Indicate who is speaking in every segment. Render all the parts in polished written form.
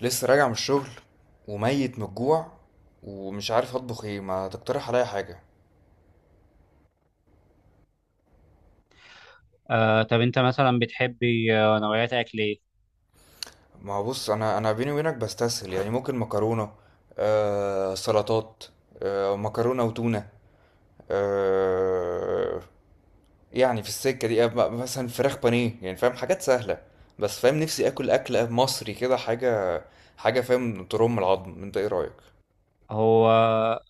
Speaker 1: لسه راجع من الشغل وميت من الجوع ومش عارف اطبخ ايه؟ ما تقترح عليا حاجه؟
Speaker 2: طب انت مثلا بتحبي، نوعيات اكل ايه؟
Speaker 1: ما هو بص، انا بيني وبينك بستسهل، يعني ممكن مكرونه، سلطات، مكرونه وتونه. آه يعني في السكه دي مثلا فراخ بانيه، يعني فاهم، حاجات سهله. بس فاهم نفسي اكل، اكل مصري كده حاجه، حاجه فاهم ترم العظم. انت ايه رايك؟
Speaker 2: هو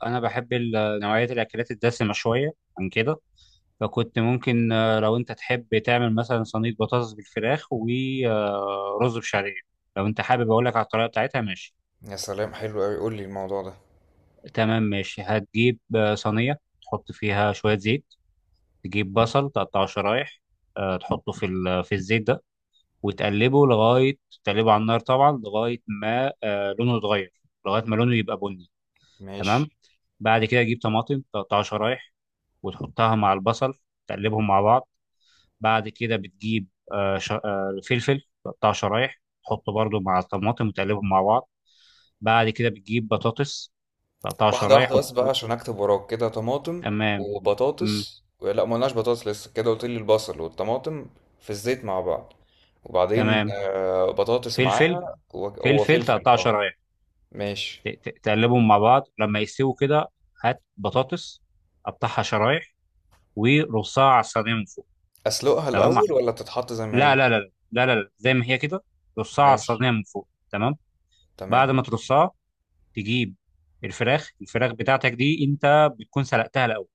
Speaker 2: انا بحب نوعيات الاكلات الدسمه شويه عن كده. فكنت ممكن، لو انت تحب تعمل مثلا صينيه بطاطس بالفراخ ورز بشعريه. لو انت حابب اقول لك على الطريقه بتاعتها، ماشي؟
Speaker 1: يا سلام، حلو قوي، قول لي الموضوع ده.
Speaker 2: تمام، ماشي. هتجيب صينيه تحط فيها شويه زيت. تجيب بصل تقطعه شرايح. تحطه في الزيت ده وتقلبه لغايه، تقلبه على النار طبعا لغايه ما لونه يتغير، لغايه ما لونه يبقى بني.
Speaker 1: ماشي.
Speaker 2: تمام. بعد كده تجيب طماطم تقطعها شرايح وتحطها مع البصل، تقلبهم مع بعض. بعد كده بتجيب فلفل تقطعه شرايح، تحطه برضو مع الطماطم وتقلبهم مع بعض. بعد كده بتجيب بطاطس، تقطعها
Speaker 1: واحدة
Speaker 2: شرايح
Speaker 1: واحدة بس بقى، عشان أكتب وراك كده، طماطم
Speaker 2: تمام. مم.
Speaker 1: وبطاطس. لا، مقلناش بطاطس لسه، كده قلت لي البصل والطماطم في الزيت مع بعض. وبعدين
Speaker 2: تمام.
Speaker 1: بطاطس
Speaker 2: فلفل.
Speaker 1: معاها
Speaker 2: فلفل
Speaker 1: وفلفل،
Speaker 2: تقطعه
Speaker 1: اه.
Speaker 2: شرايح،
Speaker 1: ماشي.
Speaker 2: تقلبهم مع بعض لما يستووا كده. هات بطاطس، قطعها شرايح ورصها على الصينية من فوق.
Speaker 1: أسلقها
Speaker 2: تمام.
Speaker 1: الأول ولا تتحط زي ما
Speaker 2: لا، لا،
Speaker 1: هي؟
Speaker 2: لا، لا، لا، لا، زي ما هي كده. رصها على
Speaker 1: ماشي،
Speaker 2: الصينية من فوق. تمام.
Speaker 1: تمام.
Speaker 2: بعد ما ترصها، تجيب الفراخ بتاعتك دي انت بتكون سلقتها الاول،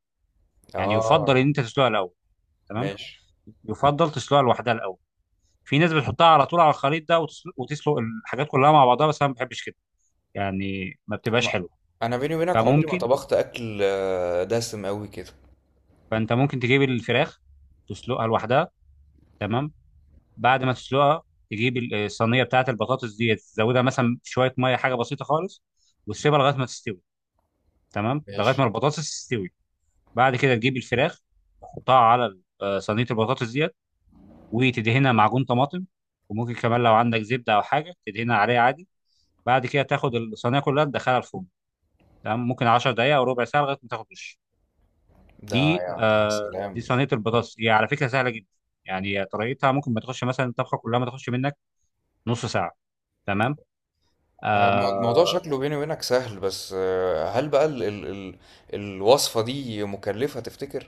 Speaker 2: يعني
Speaker 1: اه،
Speaker 2: يفضل ان انت تسلقها الاول. تمام.
Speaker 1: ماشي.
Speaker 2: يفضل تسلقها لوحدها الاول. في ناس بتحطها على طول على الخليط ده وتسلق الحاجات كلها مع بعضها، بس انا ما بحبش كده، يعني ما بتبقاش
Speaker 1: ما.
Speaker 2: حلو.
Speaker 1: أنا بيني وبينك عمري ما
Speaker 2: فممكن،
Speaker 1: طبخت أكل دسم أوي كده.
Speaker 2: فانت ممكن تجيب الفراخ تسلقها لوحدها. تمام. بعد ما تسلقها، تجيب الصينيه بتاعت البطاطس دي، تزودها مثلا شويه ميه، حاجه بسيطه خالص، وتسيبها لغايه ما تستوي. تمام، لغايه ما
Speaker 1: ماشي.
Speaker 2: البطاطس تستوي. بعد كده تجيب الفراخ، تحطها على صينيه البطاطس ديت، وتدهنها معجون طماطم. وممكن كمان لو عندك زبده او حاجه تدهنها عليها عادي. بعد كده تاخد الصينيه كلها تدخلها الفرن. تمام. ممكن 10 دقائق او ربع ساعه لغايه ما تاخد وش.
Speaker 1: ده يا يا
Speaker 2: دي
Speaker 1: سلام.
Speaker 2: صينيه البطاطس، هي على فكره سهله جدا. يعني طريقتها ممكن ما تخش، مثلا الطبخه كلها ما تخش منك نص ساعه. تمام.
Speaker 1: هو الموضوع
Speaker 2: آه.
Speaker 1: شكله بيني وبينك سهل، بس آه، هل بقى ال الوصفة دي مكلفة تفتكر؟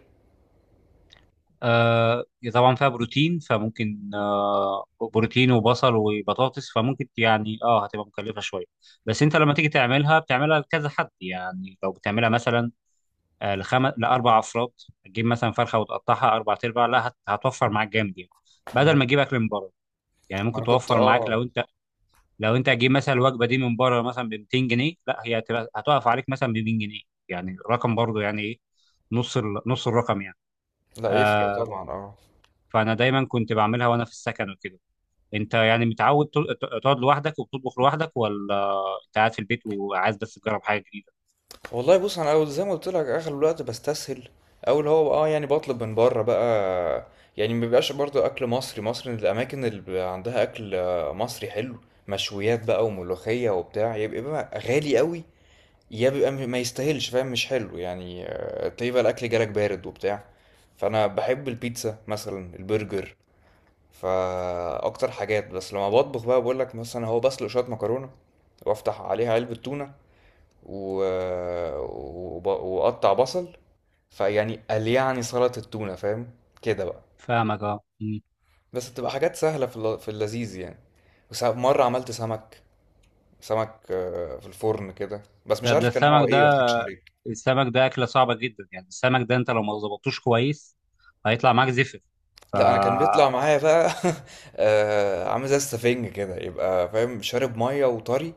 Speaker 2: آه. طبعا فيها بروتين، فممكن بروتين وبصل وبطاطس، فممكن يعني هتبقى مكلفة شوية. بس انت لما تيجي تعملها بتعملها لكذا حد. يعني لو بتعملها مثلا لأربع أفراد، تجيب مثلا فرخة وتقطعها أربع أرباع، لا هتوفر معاك جامد يعني، بدل ما
Speaker 1: مم.
Speaker 2: تجيب أكل من بره. يعني
Speaker 1: ما
Speaker 2: ممكن
Speaker 1: انا كنت
Speaker 2: توفر معاك
Speaker 1: اه.
Speaker 2: لو انت، لو انت هتجيب مثلا الوجبة دي من بره مثلا ب 200 جنيه، لا هي هتقف عليك مثلا ب 200 جنيه. يعني رقم برضه يعني ايه، نص الرقم يعني.
Speaker 1: لا يفرق
Speaker 2: آه،
Speaker 1: طبعا، اه.
Speaker 2: فانا دايما كنت بعملها وانا في السكن وكده. انت يعني متعود تقعد لوحدك وبتطبخ لوحدك، ولا انت قاعد في البيت وعايز بس تجرب حاجه جديده؟
Speaker 1: والله بص، زي ما قلت لك اغلب الوقت بستسهل، او اللي هو اه، يعني بطلب من بره بقى. يعني ما بيبقاش برضه اكل مصري. مصر الاماكن اللي بيبقى عندها اكل مصري حلو، مشويات بقى وملوخية وبتاع، يبقى بقى غالي قوي، يا بيبقى ما يستاهلش، فاهم؟ مش حلو يعني، تلاقيه بقى الاكل جالك بارد وبتاع. فانا بحب البيتزا مثلا، البرجر، فاكتر حاجات. بس لما بطبخ بقى بقول لك، مثلا هو بسلق شويه مكرونه وافتح عليها علبه تونه و... واقطع بصل، فيعني قال يعني سلطه التونه، فاهم كده بقى.
Speaker 2: فاهمك. اه. مم.
Speaker 1: بس بتبقى حاجات سهله في، في اللذيذ يعني. مره عملت سمك، سمك في الفرن كده، بس مش
Speaker 2: طب ده
Speaker 1: عارف كان نوعه
Speaker 2: السمك
Speaker 1: ايه، ما
Speaker 2: ده،
Speaker 1: تضحكش عليه.
Speaker 2: السمك ده اكله صعبه جدا. يعني السمك ده انت لو ما ظبطتوش كويس هيطلع معاك زفر. ف
Speaker 1: لا، انا كان بيطلع معايا بقى عامل زي السفنج كده، يبقى فاهم، شارب ميه وطري،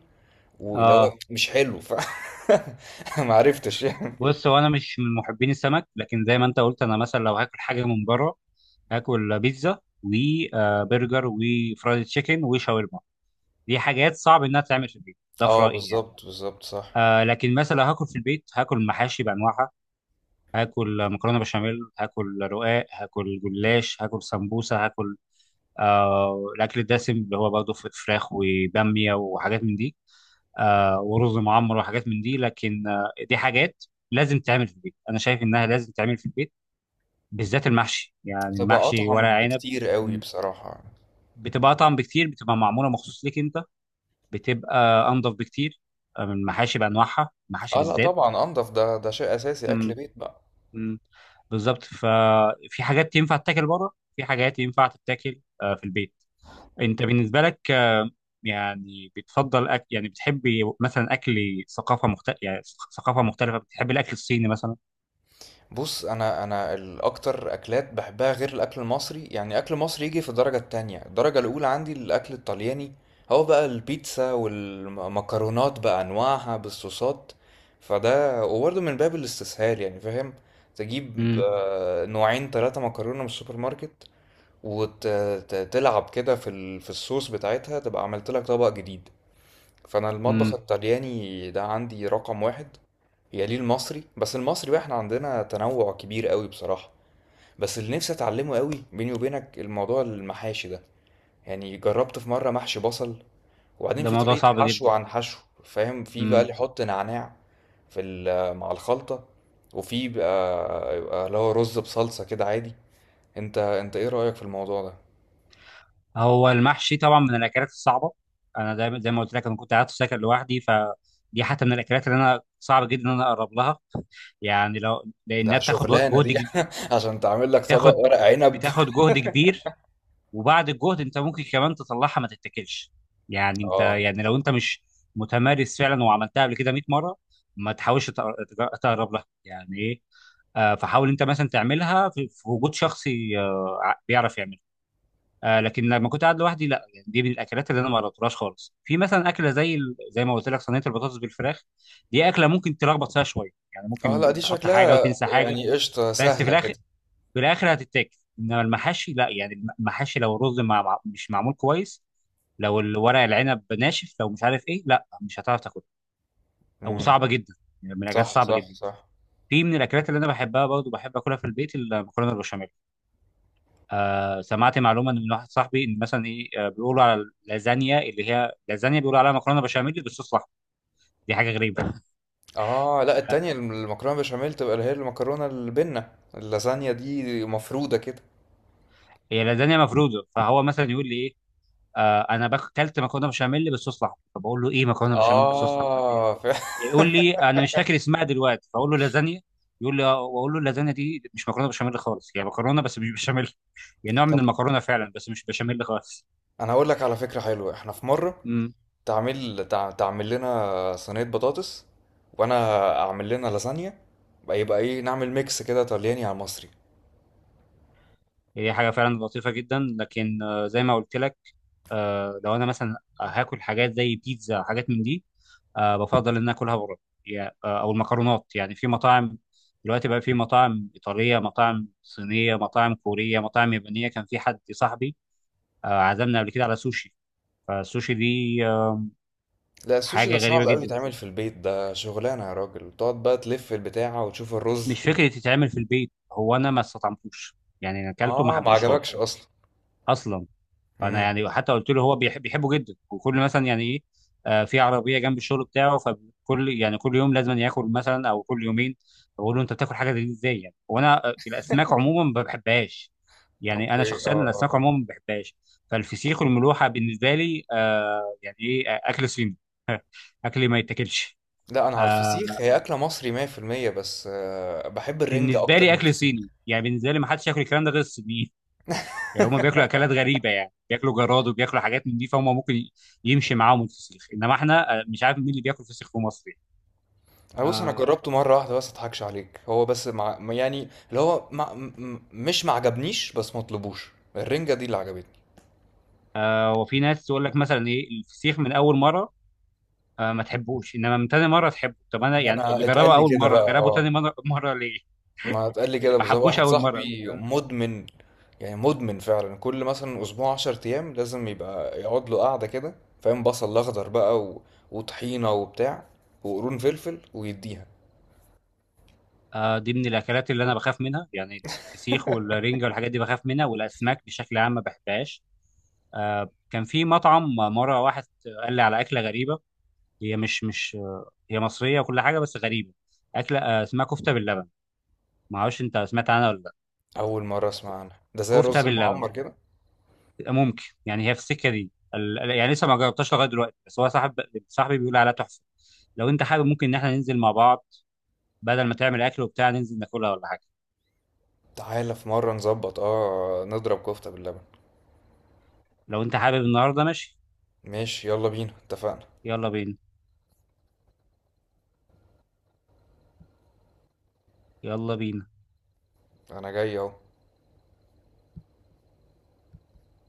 Speaker 1: واللي
Speaker 2: اه.
Speaker 1: هو مش حلو. ف ما عرفتش يعني.
Speaker 2: بص هو انا مش من محبين السمك، لكن زي ما انت قلت انا مثلا لو هاكل حاجه من بره هاكل بيتزا وبرجر وفرايد تشيكن وشاورما. دي حاجات صعب انها تعمل في البيت ده في
Speaker 1: اه،
Speaker 2: رايي يعني.
Speaker 1: بالظبط بالظبط، صح.
Speaker 2: لكن مثلا هاكل في البيت، هاكل محاشي بانواعها، هاكل مكرونه بشاميل، هاكل رقاق، هاكل جلاش، هاكل سمبوسه، هاكل الاكل الدسم، اللي هو برضه فراخ وباميه وحاجات من دي، ورز معمر وحاجات من دي. لكن دي حاجات لازم تعمل في البيت. انا شايف انها لازم تعمل في البيت، بالذات المحشي. يعني
Speaker 1: تبقى
Speaker 2: المحشي ورق
Speaker 1: اطعم
Speaker 2: عنب،
Speaker 1: بكتير قوي
Speaker 2: م،
Speaker 1: بصراحه.
Speaker 2: بتبقى اطعم بكتير، بتبقى معموله مخصوص ليك انت، بتبقى انضف بكتير من المحاشي بانواعها، المحاشي
Speaker 1: اه، لا
Speaker 2: بالذات.
Speaker 1: طبعا انضف، ده ده شيء اساسي، اكل
Speaker 2: م.
Speaker 1: بيت بقى.
Speaker 2: م. بالظبط. ففي حاجات ينفع تتاكل بره، في حاجات ينفع تتاكل في البيت. انت بالنسبه لك يعني بتفضل أكل، يعني بتحبي مثلا اكل ثقافه مختلفه يعني؟ ثقافه مختلفه، بتحبي الاكل الصيني مثلا؟
Speaker 1: بص، انا الاكتر اكلات بحبها غير الاكل المصري، يعني اكل مصري يجي في الدرجه التانية. الدرجه الاولى عندي الاكل الطلياني، هو بقى البيتزا والمكرونات بانواعها بالصوصات، فده وبرضه من باب الاستسهال يعني، فاهم؟ تجيب
Speaker 2: امم
Speaker 1: نوعين ثلاثه مكرونه من السوبر ماركت، وتلعب كده في في الصوص بتاعتها، تبقى عملت لك طبق جديد. فانا المطبخ
Speaker 2: امم
Speaker 1: الطلياني ده عندي رقم واحد، يليه المصري. بس المصري بقى احنا عندنا تنوع كبير قوي بصراحة. بس اللي نفسي اتعلمه قوي بيني وبينك الموضوع المحاشي ده. يعني جربت في مرة محشي بصل، وبعدين
Speaker 2: ده
Speaker 1: في
Speaker 2: موضوع
Speaker 1: طريقة
Speaker 2: صعب
Speaker 1: حشو
Speaker 2: جدا.
Speaker 1: عن حشو، فاهم؟ في بقى
Speaker 2: امم
Speaker 1: اللي يحط نعناع في مع الخلطة، وفي بقى يبقى اللي هو رز بصلصة كده عادي. انت ايه رأيك في الموضوع ده؟
Speaker 2: هو المحشي طبعا من الاكلات الصعبه. انا دايما زي ما قلت لك، انا كنت قاعد في سكن لوحدي، فدي حتى من الاكلات اللي انا صعب جدا ان انا اقرب لها يعني، لو
Speaker 1: ده
Speaker 2: لانها بتاخد
Speaker 1: شغلانة
Speaker 2: جهد
Speaker 1: دي عشان تعمل لك طبق
Speaker 2: بتاخد
Speaker 1: ورق عنب.
Speaker 2: بتاخد جهد كبير. وبعد الجهد انت ممكن كمان تطلعها ما تتاكلش. يعني انت،
Speaker 1: اه.
Speaker 2: يعني لو انت مش متمارس فعلا وعملتها قبل كده 100 مره، ما تحاولش تقرب لها يعني ايه. فحاول انت مثلا تعملها في وجود شخص بيعرف يعملها. لكن لما كنت قاعد لوحدي، لا يعني دي من الاكلات اللي انا ما جربتهاش خالص. في مثلا اكله زي زي ما قلت لك صينيه البطاطس بالفراخ، دي اكله ممكن تلخبط فيها شويه، يعني
Speaker 1: اه،
Speaker 2: ممكن
Speaker 1: لا دي
Speaker 2: تحط حاجه
Speaker 1: شكلها
Speaker 2: وتنسى حاجه،
Speaker 1: يعني قشطة،
Speaker 2: بس في
Speaker 1: سهلة
Speaker 2: الاخر،
Speaker 1: كده.
Speaker 2: في الاخر هتتاكل. انما المحاشي لا، يعني المحاشي لو الرز مش معمول كويس، لو الورق العنب ناشف، لو مش عارف ايه، لا مش هتعرف تاكله او
Speaker 1: امم.
Speaker 2: صعبه جدا، يعني من الاكلات
Speaker 1: صح
Speaker 2: صعبه
Speaker 1: صح
Speaker 2: جدا.
Speaker 1: صح.
Speaker 2: في من الاكلات اللي انا بحبها برضه بحب اكلها في البيت المكرونه البشاميل. سمعت معلومه إن من واحد صاحبي، ان مثلا ايه، بيقولوا على اللازانيا، اللي هي لازانيا، بيقولوا عليها مكرونه بشاميل بالصوص الاحمر. دي حاجه غريبه.
Speaker 1: اه، لا
Speaker 2: آه
Speaker 1: التانية المكرونة بشاميل تبقى اللي هي المكرونة البنة، اللازانيا دي مفرودة كده.
Speaker 2: هي لازانيا مفروده، فهو مثلا يقول لي ايه، اكلت مكرونه بشاميل بالصوص الاحمر. فبقول له ايه، مكرونه بشاميل بالصوص الاحمر دي؟
Speaker 1: اه فعلا.
Speaker 2: يقول لي انا مش فاكر اسمها دلوقتي، فاقول له لازانيا. يقول لي اه، واقول له اللازانيا دي مش مكرونه بشاميل خالص، هي مكرونه بس مش بشاميل. هي نوع من
Speaker 1: طب
Speaker 2: المكرونه فعلا بس مش بشاميل خالص.
Speaker 1: انا هقول لك على فكرة حلوة، احنا في مرة
Speaker 2: امم
Speaker 1: تعمل لنا صينية بطاطس، وانا اعمل لنا لازانيا بقى، يبقى ايه، نعمل ميكس كده طلياني على مصري.
Speaker 2: هي حاجه فعلا لطيفه جدا، لكن زي ما قلت لك، لو انا مثلا هاكل حاجات زي بيتزا، حاجات من دي، بفضل ان أنا اكلها بره. او المكرونات، يعني في مطاعم. دلوقتي بقى في مطاعم ايطاليه، مطاعم صينيه، مطاعم كوريه، مطاعم يابانيه. كان في حد صاحبي عزمنا قبل كده على سوشي. فالسوشي دي
Speaker 1: لا السوشي
Speaker 2: حاجه
Speaker 1: ده
Speaker 2: غريبه
Speaker 1: صعب قوي
Speaker 2: جدا،
Speaker 1: يتعمل في البيت، ده شغلانة يا راجل، تقعد بقى تلف البتاعة وتشوف الرز.
Speaker 2: مش فكره تتعمل في البيت. هو انا ما استطعمتوش، يعني انا اكلته ما
Speaker 1: اه، ما
Speaker 2: حبيتوش
Speaker 1: عجبكش
Speaker 2: خالص
Speaker 1: اصلا.
Speaker 2: اصلا. فانا
Speaker 1: امم.
Speaker 2: يعني حتى قلت له، هو بيحبه جدا وكل مثلا، يعني ايه، في عربيه جنب الشغل بتاعه فكل، يعني كل يوم لازم ياكل مثلا، او كل يومين. بقول له انت بتاكل حاجه زي دي ازاي يعني، وانا الاسماك عموما ما بحبهاش، يعني انا
Speaker 1: اوكي، اه
Speaker 2: شخصيا
Speaker 1: اه
Speaker 2: الاسماك
Speaker 1: اه.
Speaker 2: عموما ما بحبهاش. فالفسيخ والملوحه بالنسبه لي، يعني ايه، اكل صيني، اكل ما يتاكلش.
Speaker 1: لا، انا على
Speaker 2: آه،
Speaker 1: الفسيخ، هي اكله مصري 100%، بس آه، بحب الرنجة
Speaker 2: بالنسبه
Speaker 1: اكتر
Speaker 2: لي
Speaker 1: من
Speaker 2: اكل
Speaker 1: الفسيخ.
Speaker 2: صيني يعني، بالنسبه لي ما حدش ياكل الكلام ده غير الصينيين. يعني هم بياكلوا اكلات غريبه، يعني بياكلوا جراد وبياكلوا حاجات من دي، فهم ممكن يمشي معاهم الفسيخ، انما احنا مش عارف مين اللي بياكل فسيخ في مصر يعني.
Speaker 1: انا بص، انا
Speaker 2: آه
Speaker 1: جربته مره واحده بس، اضحكش عليك، هو بس مع ما يعني اللي هو مش معجبنيش، بس مطلبوش، الرنجة دي اللي عجبتني.
Speaker 2: وفي ناس تقول لك مثلا ايه، الفسيخ من اول مره ما تحبوش، انما من تاني مره تحبه. طب انا يعني، اللي
Speaker 1: انا اتقال
Speaker 2: جربه
Speaker 1: لي
Speaker 2: اول
Speaker 1: كده
Speaker 2: مره
Speaker 1: بقى،
Speaker 2: جربه تاني
Speaker 1: اه،
Speaker 2: مره مره ليه؟
Speaker 1: ما اتقال لي
Speaker 2: اللي
Speaker 1: كده
Speaker 2: ما
Speaker 1: بالظبط.
Speaker 2: حبوش
Speaker 1: واحد
Speaker 2: اول مره
Speaker 1: صاحبي مدمن، يعني مدمن فعلا، كل مثلا اسبوع 10 ايام لازم يبقى يقعد له قعده كده، فاهم، بصل اخضر بقى وطحينه وبتاع وقرون فلفل ويديها.
Speaker 2: دي من الاكلات اللي انا بخاف منها، يعني الفسيخ والرنجه والحاجات دي بخاف منها، والاسماك بشكل عام ما بحبهاش. كان في مطعم مره واحد قال لي على اكله غريبه، هي مش مش آه، هي مصريه وكل حاجه بس غريبه. اكله اسمها كفته باللبن. ما اعرفش انت سمعت عنها ولا لا؟
Speaker 1: اول مره اسمع
Speaker 2: ك-
Speaker 1: عنها، ده زي
Speaker 2: كفته
Speaker 1: الرز أول مرة
Speaker 2: باللبن.
Speaker 1: المعمر كده.
Speaker 2: ممكن يعني، هي في السكه دي يعني لسه ما جربتهاش لغايه دلوقتي، بس هو صاحبي بيقول عليها تحفه. لو انت حابب، ممكن ان احنا ننزل مع بعض بدل ما تعمل اكل وبتاع، ننزل ناكلها ولا حاجه.
Speaker 1: تعالى في مره نظبط، اه، نضرب كفته باللبن.
Speaker 2: لو انت حابب النهارده ماشي.
Speaker 1: ماشي، يلا بينا، اتفقنا.
Speaker 2: يلا بينا، يلا بينا.
Speaker 1: انا جاي اهو.